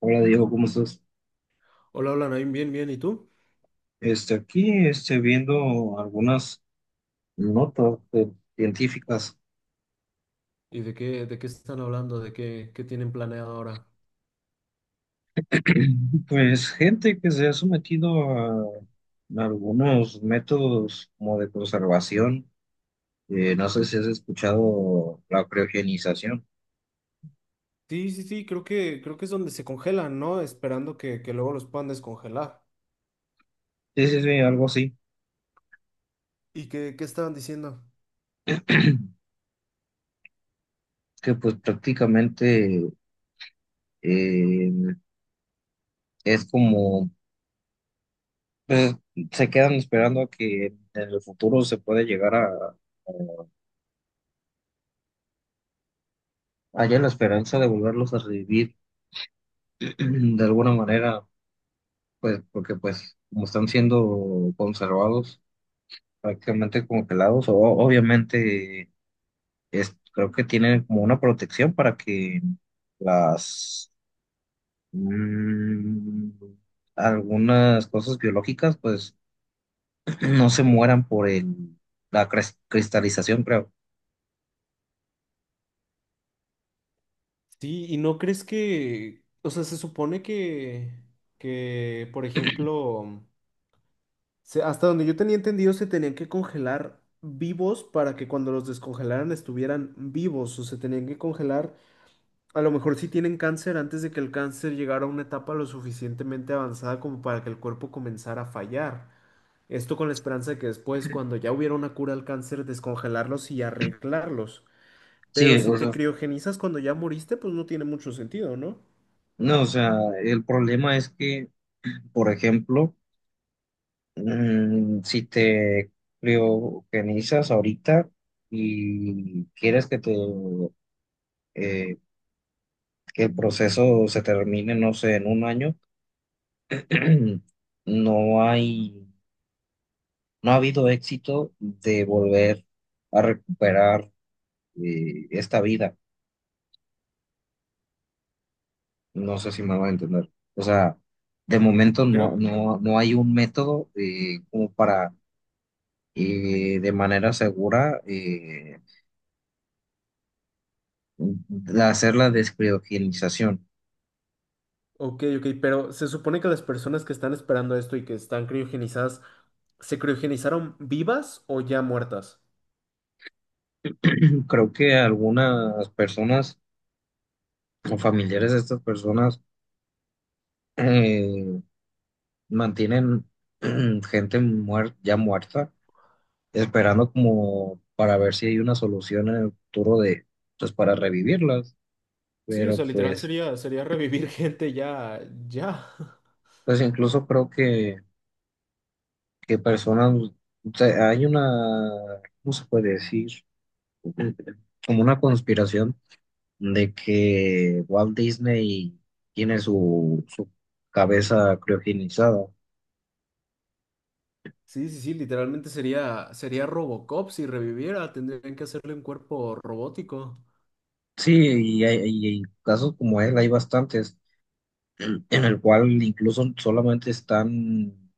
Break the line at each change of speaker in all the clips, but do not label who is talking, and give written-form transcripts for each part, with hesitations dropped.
Hola Diego, ¿cómo estás?
Hola, hola, Naim, bien, bien, ¿y tú?
Aquí viendo algunas notas científicas.
¿Y de qué están hablando? ¿De qué tienen planeado ahora?
Pues gente que se ha sometido a algunos métodos como de conservación. No sé si has escuchado la criogenización.
Sí, sí, sí, creo que es donde se congelan, ¿no? Esperando que luego los puedan descongelar.
Sí, sí, sí, algo así.
¿Y qué estaban diciendo?
Que pues prácticamente eh, es como, pues se quedan esperando a que en el futuro se pueda llegar haya la esperanza de volverlos a revivir de alguna manera, pues, porque pues como están siendo conservados prácticamente como pelados, o, obviamente es, creo que tienen como una protección para que las mm, algunas cosas biológicas pues no se mueran por la cristalización, creo.
Sí, y no crees que, o sea, se supone que, por ejemplo, hasta donde yo tenía entendido, se tenían que congelar vivos para que cuando los descongelaran estuvieran vivos, o se tenían que congelar. A lo mejor sí tienen cáncer antes de que el cáncer llegara a una etapa lo suficientemente avanzada como para que el cuerpo comenzara a fallar. Esto con la esperanza de que después, cuando ya hubiera una cura al cáncer, descongelarlos y arreglarlos. Pero
Sí,
si
o sea,
te criogenizas cuando ya moriste, pues no tiene mucho sentido, ¿no?
no, o sea, el problema es que, por ejemplo, si te lo organizas ahorita y quieres que te eh, que el proceso se termine, no sé, en un año, no hay, no ha habido éxito de volver a recuperar esta vida. No sé si me va a entender. O sea, de momento no,
Creo.
no, no hay un método como para de manera segura de hacer la descriogenización.
Ok, ok, pero se supone que las personas que están esperando esto y que están criogenizadas, ¿se criogenizaron vivas o ya muertas?
Creo que algunas personas o familiares de estas personas eh, mantienen gente ya muerta, esperando como para ver si hay una solución en el futuro de, pues para revivirlas.
Sí, o
Pero
sea, literal
pues,
sería revivir gente ya, ya.
pues incluso creo que personas, o sea, hay una, ¿cómo se puede decir? Como una conspiración de que Walt Disney tiene su, su cabeza criogenizada.
Sí, sí, sí, literalmente sería Robocop si reviviera, tendrían que hacerle un cuerpo robótico.
Sí, y hay casos como él, hay bastantes, en el cual incluso solamente están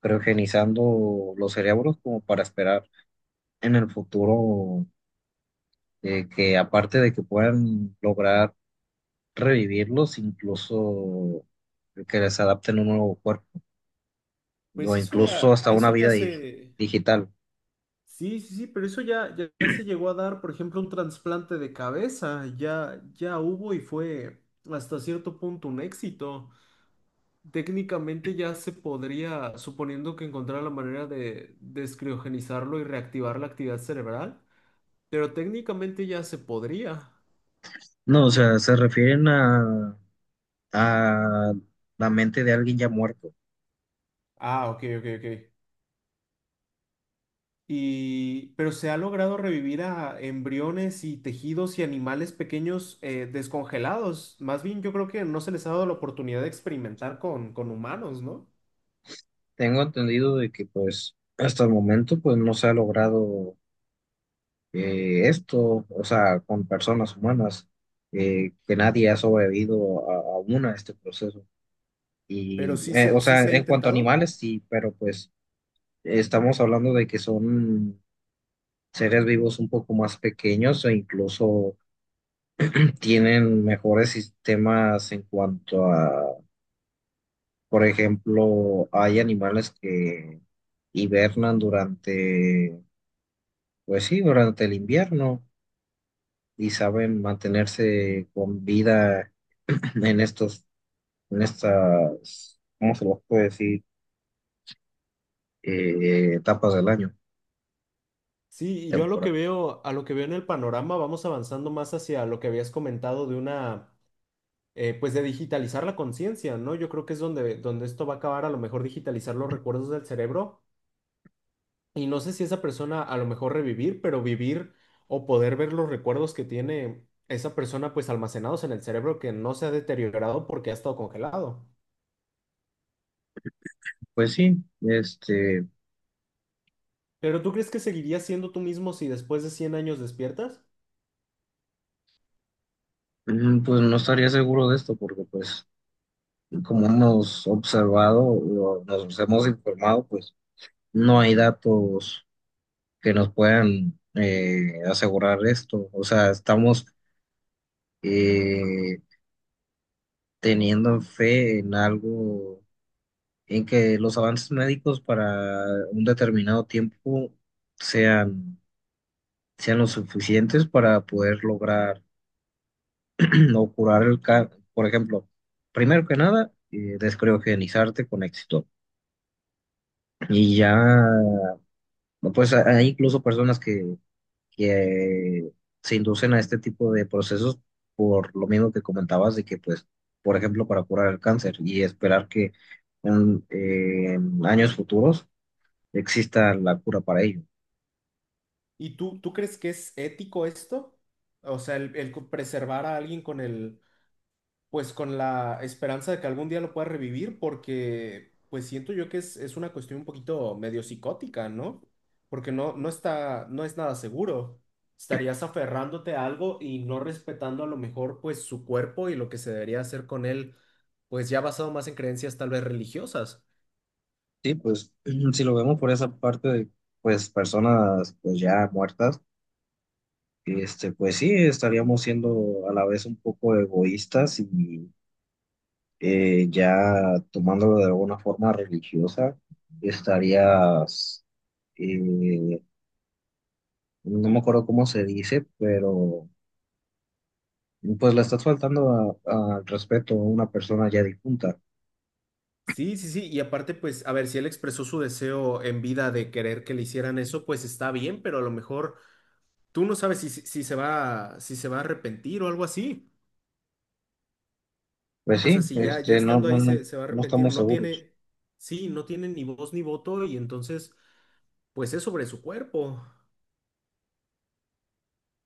criogenizando los cerebros como para esperar en el futuro que aparte de que puedan lograr revivirlos, incluso que les adapten un nuevo cuerpo, o
Pues eso
incluso
ya,
hasta una
eso
vida
ya se...
digital.
Sí, sí, sí, pero eso ya, ya se llegó a dar, por ejemplo, un trasplante de cabeza, ya hubo y fue hasta cierto punto un éxito. Técnicamente ya se podría, suponiendo que encontrara la manera de descriogenizarlo y reactivar la actividad cerebral, pero técnicamente ya se podría.
No, o sea, se refieren a la mente de alguien ya muerto.
Ah, ok, ok, ok. Y, pero se ha logrado revivir a embriones y tejidos y animales pequeños descongelados. Más bien, yo creo que no se les ha dado la oportunidad de experimentar con humanos, ¿no?
Tengo entendido de que pues hasta el momento pues no se ha logrado esto, o sea, con personas humanas, que nadie ha sobrevivido a una a este proceso.
Pero
Y,
sí se,
o
sí
sea,
se ha
en cuanto a
intentado.
animales, sí, pero pues estamos hablando de que son seres vivos un poco más pequeños e incluso tienen mejores sistemas en cuanto a, por ejemplo, hay animales que hibernan durante pues sí, durante el invierno y saben mantenerse con vida en estos, en estas, ¿cómo se los puede decir? Etapas del año,
Sí, y yo a lo que
temporal.
veo, a lo que veo en el panorama, vamos avanzando más hacia lo que habías comentado de una, pues de digitalizar la conciencia, ¿no? Yo creo que es donde esto va a acabar, a lo mejor digitalizar los recuerdos del cerebro. Y no sé si esa persona a lo mejor revivir, pero vivir o poder ver los recuerdos que tiene esa persona pues almacenados en el cerebro que no se ha deteriorado porque ha estado congelado.
Pues sí, este,
Pero ¿tú crees que seguirías siendo tú mismo si después de 100 años despiertas?
pues no estaría seguro de esto porque pues como hemos observado, o nos hemos informado, pues no hay datos que nos puedan asegurar esto. O sea, estamos eh, teniendo fe en algo en que los avances médicos para un determinado tiempo sean, sean lo suficientes para poder lograr o curar el cáncer. Por ejemplo, primero que nada, descriogenizarte con éxito. Y ya, pues hay incluso personas que se inducen a este tipo de procesos por lo mismo que comentabas de que, pues, por ejemplo, para curar el cáncer y esperar que en en años futuros exista la cura para ello.
¿Y tú crees que es ético esto? O sea, el preservar a alguien con el, pues con la esperanza de que algún día lo pueda revivir, porque pues siento yo que es una cuestión un poquito medio psicótica, ¿no? Porque no está, no es nada seguro. Estarías aferrándote a algo y no respetando a lo mejor pues su cuerpo y lo que se debería hacer con él, pues ya basado más en creencias tal vez religiosas.
Sí, pues si lo vemos por esa parte de pues personas pues ya muertas, este pues sí estaríamos siendo a la vez un poco egoístas y ya tomándolo de alguna forma religiosa, estarías eh, no me acuerdo cómo se dice, pero pues le estás faltando al respeto a una persona ya difunta.
Sí, sí, sí, y aparte pues, a ver, si él expresó su deseo en vida de querer que le hicieran eso, pues está bien, pero a lo mejor tú no sabes si se va a arrepentir o algo así.
Pues
O
sí,
sea, si ya,
este no,
estando
no,
ahí
no,
se va a
no
arrepentir,
estamos
no
seguros.
tiene, sí, no tiene ni voz ni voto y entonces, pues es sobre su cuerpo.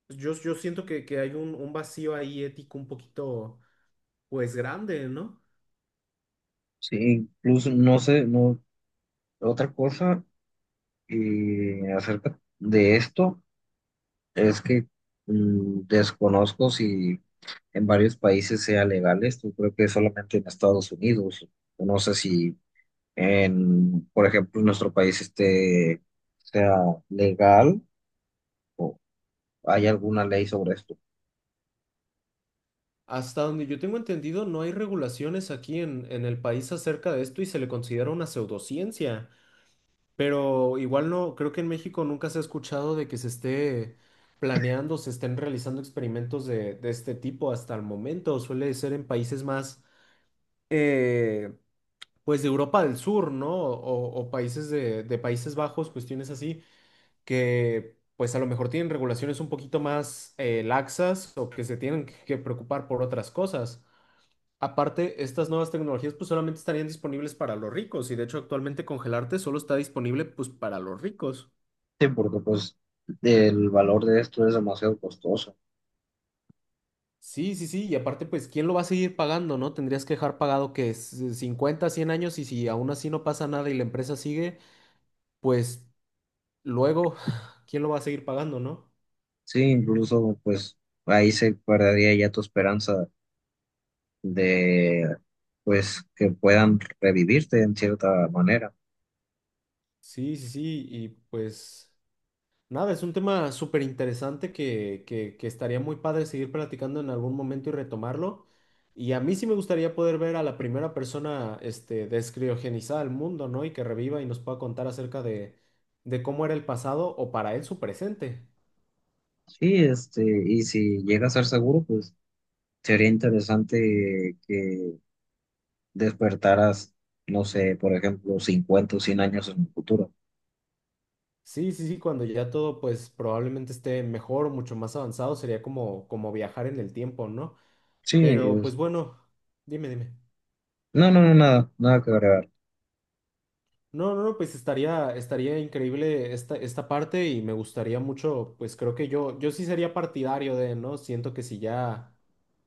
Yo siento que hay un vacío ahí ético un poquito, pues grande, ¿no?
Sí, incluso no sé, no otra cosa y acerca de esto es que desconozco si en varios países sea legal esto, creo que solamente en Estados Unidos, no sé si en, por ejemplo, en nuestro país este sea legal o hay alguna ley sobre esto.
Hasta donde yo tengo entendido, no hay regulaciones aquí en el país acerca de esto y se le considera una pseudociencia. Pero igual no, creo que en México nunca se ha escuchado de que se esté planeando, se estén realizando experimentos de este tipo hasta el momento. Suele ser en países más, eh, pues de Europa del Sur, ¿no? O países de Países Bajos, cuestiones así, que pues a lo mejor tienen regulaciones un poquito más laxas o que se tienen que preocupar por otras cosas. Aparte, estas nuevas tecnologías pues solamente estarían disponibles para los ricos y de hecho actualmente congelarte solo está disponible pues para los ricos.
Sí, porque pues el valor de esto es demasiado costoso.
Sí, sí, sí, y aparte pues ¿quién lo va a seguir pagando, no? Tendrías que dejar pagado que es 50, 100 años y si aún así no pasa nada y la empresa sigue, pues luego, ¿quién lo va a seguir pagando, no?
Sí, incluso pues ahí se perdería ya tu esperanza de, pues, que puedan revivirte en cierta manera.
Sí, sí, sí, y pues nada, es un tema súper interesante que estaría muy padre seguir platicando en algún momento y retomarlo. Y a mí sí me gustaría poder ver a la primera persona descriogenizada del mundo, ¿no? Y que reviva y nos pueda contar acerca de cómo era el pasado o para él su presente.
Sí, este, y si llega a ser seguro, pues sería interesante que despertaras, no sé, por ejemplo, 50 o 100 años en el futuro.
Sí, sí, sí, cuando ya todo pues probablemente esté mejor o mucho más avanzado, sería como viajar en el tiempo, ¿no?
Sí,
Pero pues
es-
bueno, dime, dime.
no, no, no, nada, nada que agregar.
No, no, no, pues estaría increíble esta parte y me gustaría mucho, pues creo que yo sí sería partidario de, ¿no? Siento que si ya,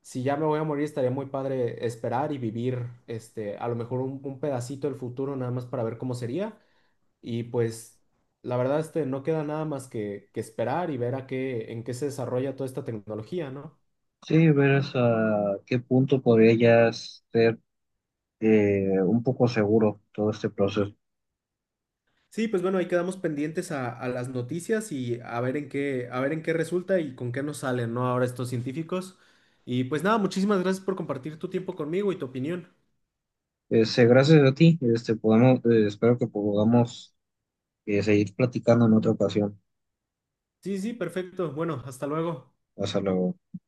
si ya me voy a morir, estaría muy padre esperar y vivir, a lo mejor un pedacito del futuro nada más para ver cómo sería. Y pues, la verdad, no queda nada más que esperar y ver a qué, en qué se desarrolla toda esta tecnología, ¿no?
Sí, ver hasta qué punto podría ya ser un poco seguro todo este proceso.
Sí, pues bueno, ahí quedamos pendientes a las noticias y a ver en qué, a ver en qué resulta y con qué nos salen, ¿no? Ahora estos científicos. Y pues nada, muchísimas gracias por compartir tu tiempo conmigo y tu opinión.
Este, gracias a ti, este, podemos, espero que podamos seguir platicando en otra ocasión.
Sí, sí, perfecto. Bueno, hasta luego.
Hasta luego.